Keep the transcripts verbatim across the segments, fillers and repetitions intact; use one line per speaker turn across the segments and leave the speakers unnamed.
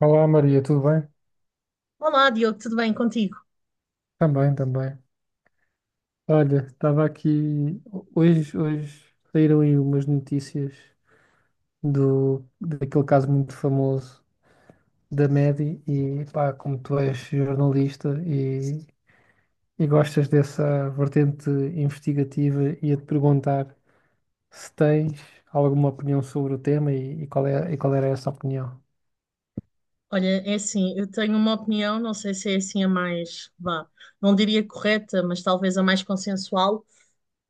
Olá Maria, tudo bem?
Olá, Diogo, tudo bem contigo?
Também, também. Olha, estava aqui. Hoje, hoje saíram aí umas notícias do, daquele caso muito famoso da Medi e pá, como tu és jornalista e, e gostas dessa vertente investigativa, ia-te perguntar se tens alguma opinião sobre o tema e, e qual é, e qual era essa opinião.
Olha, é assim, eu tenho uma opinião, não sei se é assim a mais, vá, não diria correta, mas talvez a mais consensual.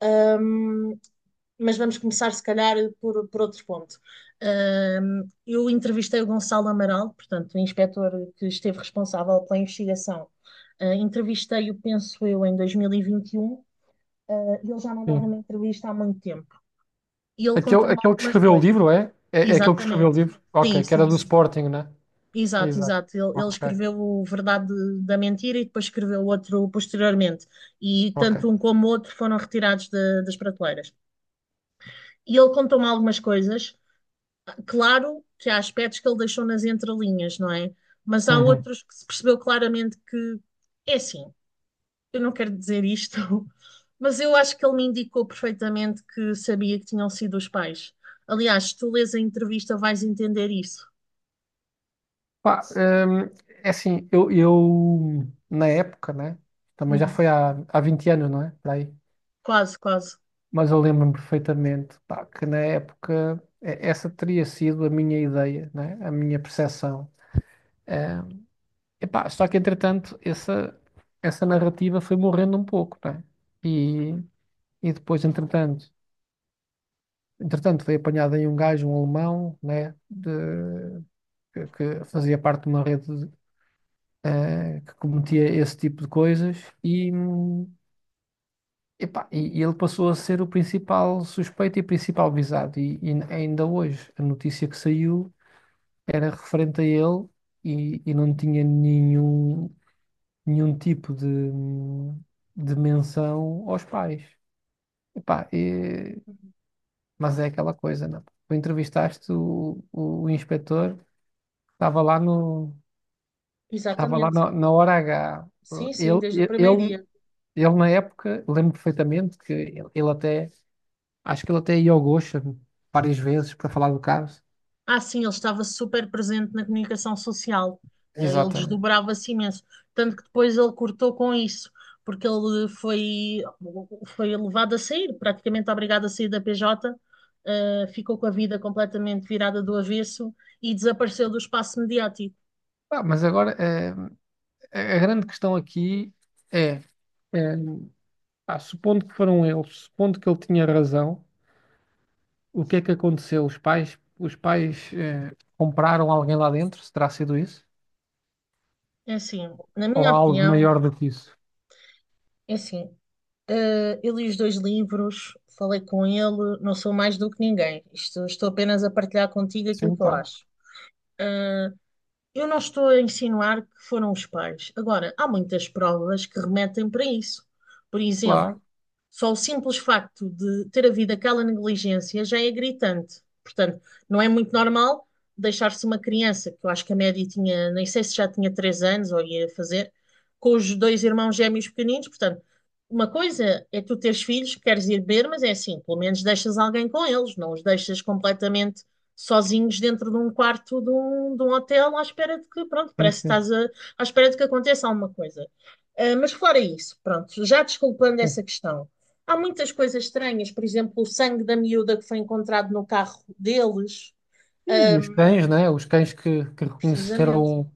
Ahm, mas vamos começar, se calhar, por, por outro ponto. Ahm, eu entrevistei o Gonçalo Amaral, portanto, o inspetor que esteve responsável pela investigação. Ah, entrevistei-o, penso eu, em dois mil e vinte e um, ah, e ele já não dava
Sim.
uma entrevista há muito tempo. E ele
Aquele,
contou-me
aquele que
algumas
escreveu o
coisas.
livro, é? É, é aquele que escreveu o
Exatamente.
livro?
Sim,
Ok, que era
sim,
do
sim.
Sporting, né?
Exato,
Exato.
exato. Ele, ele
Ok,
escreveu o Verdade da Mentira e depois escreveu outro posteriormente. E
ok.
tanto um como o outro foram retirados da- das prateleiras. E ele contou-me algumas coisas. Claro que há aspectos que ele deixou nas entrelinhas, não é? Mas há
Uhum.
outros que se percebeu claramente que é assim. Eu não quero dizer isto, mas eu acho que ele me indicou perfeitamente que sabia que tinham sido os pais. Aliás, se tu lês a entrevista, vais entender isso.
Pá, hum, é assim, eu, eu, na época, né? Também já
Uhum.
foi há, há vinte anos, não é? Por aí.
Quase, quase.
Mas eu lembro-me perfeitamente, pá, que na época é- essa teria sido a minha ideia, né? A minha percepção. Hum, epá, só que entretanto essa, essa narrativa foi morrendo um pouco, né? E, e depois, entretanto, entretanto, foi apanhado aí um gajo, um alemão, né? De, que, que fazia parte de uma rede eh, que cometia esse tipo de coisas e, hum, epá, e- e ele passou a ser o principal suspeito e principal visado. E, e ainda hoje, a notícia que saiu era referente a ele e, e não tinha nenhum, nenhum tipo de, hum, de menção aos pais. Epá, e-
Uhum.
mas é aquela coisa, não? Tu entrevistaste o, o, o inspetor, estava lá no, estava lá
Exatamente.
na na hora H.
Sim, sim,
Ele,
desde o
ele,
primeiro
ele
dia.
Ele na época, lembro perfeitamente que ele, ele até, acho que ele até ia ao Gosha várias vezes para falar do caso.
Ah, sim, ele estava super presente na comunicação social. Eh, Ele
Exatamente.
desdobrava-se imenso. Tanto que depois ele cortou com isso, porque ele foi, foi levado a sair, praticamente obrigado a sair da P J, eh, ficou com a vida completamente virada do avesso e desapareceu do espaço mediático.
Ah, mas agora eh, a a grande questão aqui é, eh, pá, supondo que foram eles, supondo que ele tinha razão, o que é que aconteceu? Os pais, os pais eh, compraram alguém lá dentro, se terá sido isso?
É assim, na
Ou
minha
há algo
opinião,
maior do que isso?
é assim, eh, eu li os dois livros, falei com ele, não sou mais do que ninguém. Isto, estou apenas a partilhar contigo aquilo
Sim,
que eu
pá.
acho. Eh, Eu não estou a insinuar que foram os pais. Agora, há muitas provas que remetem para isso. Por exemplo,
Claro,
só o simples facto de ter havido aquela negligência já é gritante. Portanto, não é muito normal deixar-se uma criança, que eu acho que a média tinha, nem sei se já tinha três anos ou ia fazer, com os dois irmãos gêmeos pequeninos. Portanto, uma coisa é tu teres filhos, queres ir beber, mas é assim, pelo menos deixas alguém com eles, não os deixas completamente sozinhos dentro de um quarto de um, de um hotel à espera de que, pronto,
sim,
parece que
sim,
estás a, à espera de que aconteça alguma coisa. Ah, mas fora isso, pronto, já desculpando
sim.
essa questão, há muitas coisas estranhas, por exemplo, o sangue da miúda que foi encontrado no carro deles,
E os
ahm,
cães, né? Os cães que, que
precisamente.
reconheceram.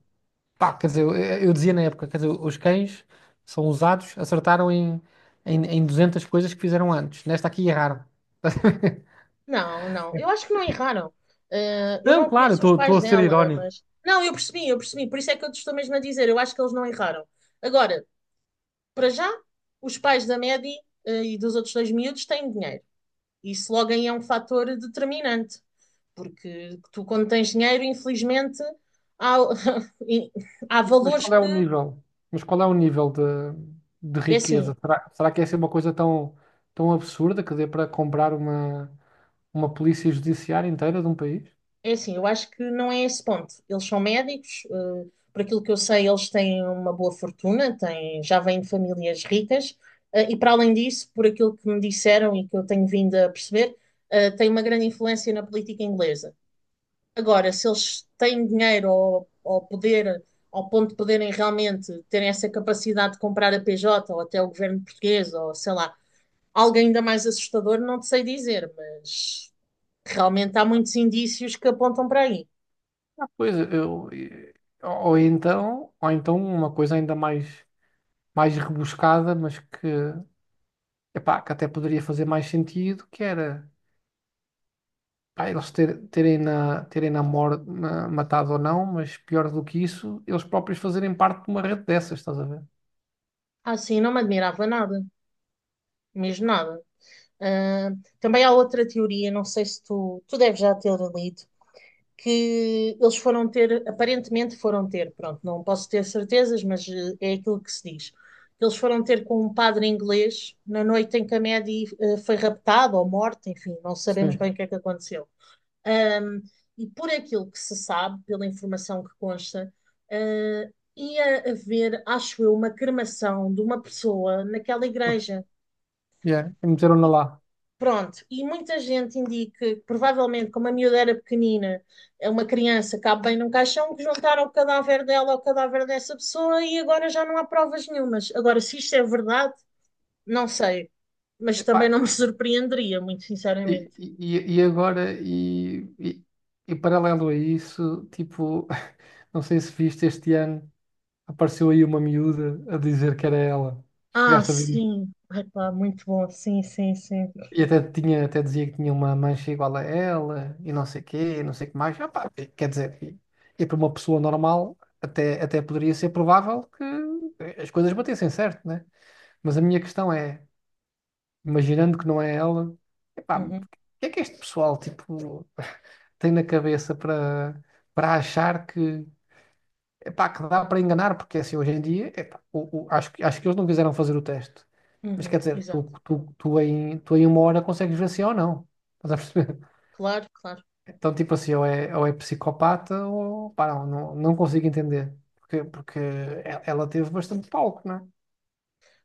Pá, quer dizer, eu, eu dizia na época, quer dizer, os cães são usados, acertaram em, em, em duzentas coisas que fizeram antes. Nesta aqui erraram.
Não, não, eu acho que não erraram. Ah, eu
Não,
não
claro,
conheço os
estou
pais
a ser
dela,
irónico.
mas. Não, eu percebi, eu percebi, por isso é que eu te estou mesmo a dizer, eu acho que eles não erraram. Agora, para já, os pais da Maddie, ah, e dos outros dois miúdos têm dinheiro. Isso logo aí é um fator determinante, porque tu, quando tens dinheiro, infelizmente, há, há
Mas
valores
qual é
que.
o nível? Mas qual é o nível de, de
É assim,
riqueza? Será, será que é é uma coisa tão, tão absurda que dê para comprar uma, uma polícia judiciária inteira de um país?
É assim, eu acho que não é esse ponto. Eles são médicos, eh, por aquilo que eu sei, eles têm uma boa fortuna, têm, já vêm de famílias ricas, eh, e para além disso, por aquilo que me disseram e que eu tenho vindo a perceber, eh, têm uma grande influência na política inglesa. Agora, se eles têm dinheiro ou, ou poder, ao ponto de poderem realmente terem essa capacidade de comprar a P J ou até o governo português, ou sei lá, algo ainda mais assustador, não te sei dizer, mas realmente há muitos indícios que apontam para aí.
Ah, pois eu, e- ou então, ou então uma coisa ainda mais, mais rebuscada, mas que epá, que até poderia fazer mais sentido, que era pá, eles ter- terem na, terem na mor- na- matado ou não, mas pior do que isso, eles próprios fazerem parte de uma rede dessas, estás a ver?
Ah, sim, não me admirava nada, mesmo nada. Ah, também há outra teoria, não sei se tu, tu deves já ter lido, que eles foram ter, aparentemente foram ter, pronto, não posso ter certezas, mas eh, é aquilo que se diz. Eles foram ter com um padre inglês na noite em que a Maddie eh, foi raptada ou morta, enfim, não sabemos
Sim.
bem o que é que aconteceu. Ahm, e por aquilo que se sabe, pela informação que consta, ah, ia haver, acho eu, uma cremação de uma pessoa naquela igreja.
Yeah. E meteram-na lá.
Pronto, e muita gente indica que provavelmente, como a miúda era pequenina, é uma criança cabe bem num caixão, que juntaram o cadáver dela ao cadáver dessa pessoa e agora já não há provas nenhumas. Agora, se isto é verdade, não sei, mas também
Epá,
não me surpreenderia, muito sinceramente.
e, e, e agora, e, e, e paralelo a isso, tipo, não sei se viste este ano, apareceu aí uma miúda a dizer que era ela.
Ah,
Chegaste a ver?
sim. Epá, muito bom. Sim, sim, sim.
E até tinha, até dizia que tinha uma mancha igual a ela, e não sei quê, e não sei o que mais. Ah, pá, quer dizer, e, e para uma pessoa normal, até, até poderia ser provável que eh, as coisas batessem certo, né? Mas a minha questão é, imaginando que não é ela, epá, o
Uhum,
que é que este pessoal, tipo, tem na cabeça para, para achar que epá, que dá para enganar, porque assim, hoje em dia, epá, o, o- acho, que- acho que eles não quiseram fazer o teste. Mas quer
uhum,
dizer,
exato.
tu, tu, tu, em, tu em uma hora consegues ver se é ou não. Estás a perceber?
Claro, claro.
Então, tipo assim, ou é, ou é psicopata ou pá, não, não, não consigo entender. Porque, porque e- ela teve bastante palco, não né?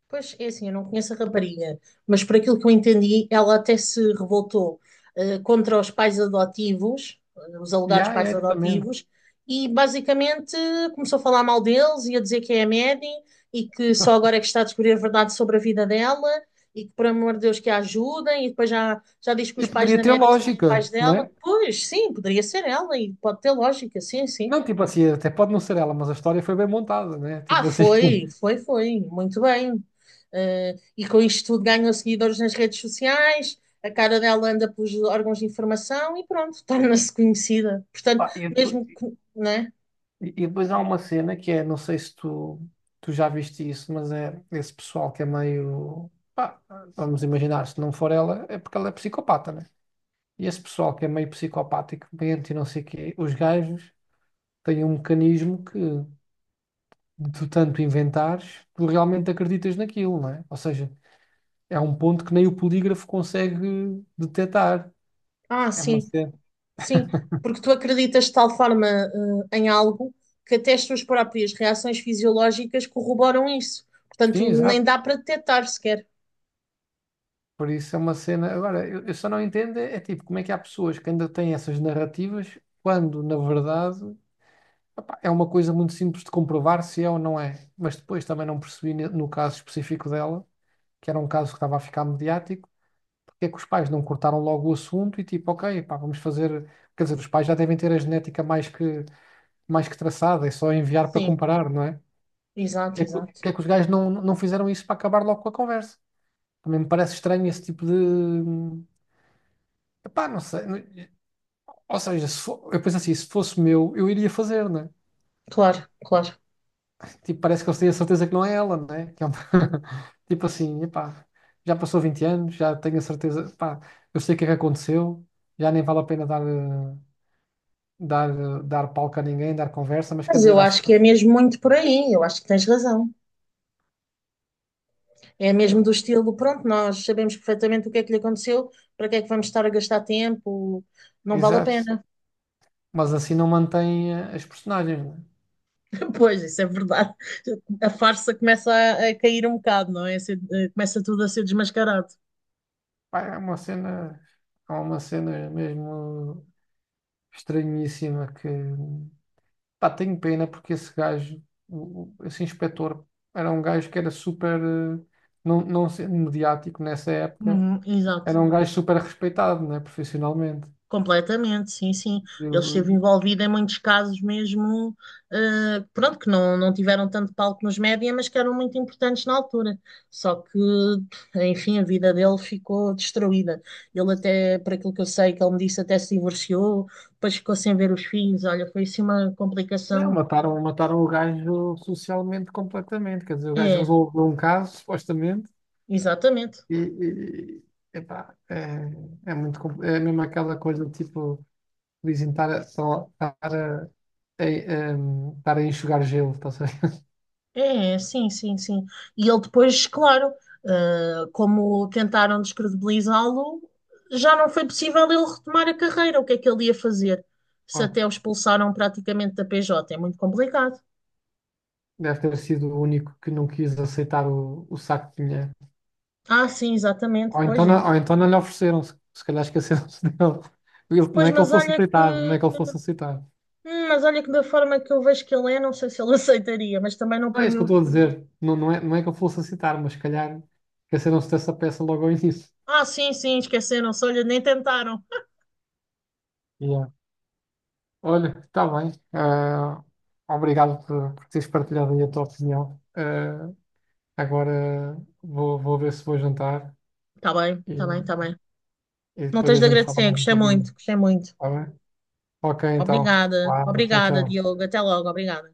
Pois é assim, eu não conheço a rapariga, mas por aquilo que eu entendi, ela até se revoltou eh, contra os pais adotivos, eh, os alegados
Já, já,
pais
exatamente.
adotivos, e basicamente começou a falar mal deles e a dizer que é a Maddie e que só agora é que está a descobrir a verdade sobre a vida dela e que, por amor de Deus, que a ajudem. E depois já, já diz que
E
os pais
poderia
da
ter
Maddie são os pais
lógica,
dela.
né?
Pois, sim, poderia ser ela e pode ter lógica, sim, sim.
Não, tipo assim, até pode não ser ela, mas a história foi bem montada, né?
Ah,
Tipo assim.
foi, foi, foi, muito bem. Eh, e com isto tudo ganhou seguidores nas redes sociais, a cara dela anda pelos órgãos de informação e pronto, torna-se conhecida. Portanto,
Ah, e depois-
mesmo que, né?
E, e depois há uma cena que é, não sei se tu, tu já viste isso, mas é esse pessoal que é meio. Pá, vamos imaginar, se não for ela, é porque ela é psicopata, né? E esse pessoal que é meio psicopático, mente e não sei o quê, os gajos têm um mecanismo que, de tu tanto inventares, tu realmente acreditas naquilo, né? Ou seja, é um ponto que nem o polígrafo consegue detectar.
Ah,
É uma
sim,
cena.
sim, porque tu acreditas de tal forma, eh, em algo que até as tuas próprias reações fisiológicas corroboram isso.
Sim,
Portanto, nem
exato.
dá para detectar sequer.
Por isso é uma cena. Agora, eu, eu só não entendo é, é tipo como é que há pessoas que ainda têm essas narrativas quando, na verdade, opá, é uma coisa muito simples de comprovar se é ou não é. Mas depois também não percebi ne- no caso específico dela, que era um caso que estava a ficar mediático, porque é que os pais não cortaram logo o assunto e tipo, ok, pá, vamos fazer. Quer dizer, os pais já devem ter a genética mais que, mais que traçada, é só enviar para
Sim,
comparar, não é? Porque
exato,
é que,
exato.
porque é que os gajos não, não fizeram isso para acabar logo com a conversa? Também me parece estranho esse tipo de. hum, Epá, não sei. Ou seja, se fo- eu penso assim, se fosse meu, eu iria fazer, né?
Claro, claro.
Tipo, parece que eles têm a certeza que não é ela, né? Que é uma... Tipo assim, epá, já passou vinte anos, já tenho a certeza, pá, eu sei o que é que aconteceu, já nem vale a pena dar, eh, dar, eh, dar palco a ninguém, dar conversa, mas quer
Mas eu
dizer, acho
acho
que.
que é mesmo muito por aí, eu acho que tens razão. É mesmo do
eu-
estilo, pronto, nós sabemos perfeitamente o que é que lhe aconteceu, para que é que vamos estar a gastar tempo? Não vale a
Exato.
pena.
Mas assim não mantém eh, as personagens, né?
Pois, isso é verdade. A farsa começa a, a cair um bocado, não é? Se- eh, Começa tudo a ser desmascarado.
Pá, é uma cena, é uma cena mesmo estranhíssima que. Pá, tenho pena porque esse gajo, o- o- esse inspetor, era um gajo que era super, eh, não, não sendo mediático nessa época,
Uhum, exato.
era um gajo super respeitado, né, profissionalmente.
Completamente, sim, sim. Ele esteve
Ele,
envolvido em muitos casos mesmo, eh, pronto, que não, não tiveram tanto palco nos média, mas que eram muito importantes na altura. Só que, enfim, a vida dele ficou destruída. Ele até, por aquilo que eu sei, que ele me disse, até se divorciou, depois ficou sem ver os filhos. Olha, foi assim uma
é,
complicação.
mataram, mataram o gajo socialmente completamente. Quer dizer, o gajo
É,
resolveu um caso, supostamente,
exatamente.
e, e- epá, é, é muito, compl- é mesmo aquela coisa de tipo, dizem estar a, só- estar a, a, em- em- estar a enxugar gelo, estás a ver?
É, é, sim, sim, sim. E ele depois, claro, ah, como tentaram descredibilizá-lo, já não foi possível ele retomar a carreira. O que é que ele ia fazer? Se até o expulsaram praticamente da P J, é muito complicado.
Deve ter sido o único que não quis aceitar o, o saco de dinheiro.
Ah, sim, exatamente,
Ou
pois
então,
é.
não- ou então não lhe ofereceram, se, se calhar esqueceram-se dele. Ele- não
Pois,
é que ele
mas
fosse
olha que,
aceitar, não é que ele fosse aceitar.
hum, mas olha que da forma que eu vejo que ele é, não sei se ele aceitaria, mas também não
Não é isso que eu
ponho.
estou a dizer. Não, não é, não é que ele fosse aceitar, mas se calhar esqueceram-se dessa peça logo ao início.
Ah, sim, sim, esqueceram-se, olha, nem tentaram.
Yeah. Olha, está bem. Ah, obrigado por, por teres partilhado aí a tua opinião. Ah, agora vou, vou ver se vou jantar
Tá bem,
e,
tá bem, tá bem.
e
Não
depois
tens
a
de
gente fala
agradecer,
mais um
gostei muito,
pouquinho.
gostei muito.
Está bem? Ok, então.
Obrigada,
Uau, tchau,
obrigada,
tchau.
Diogo. Até logo, obrigada.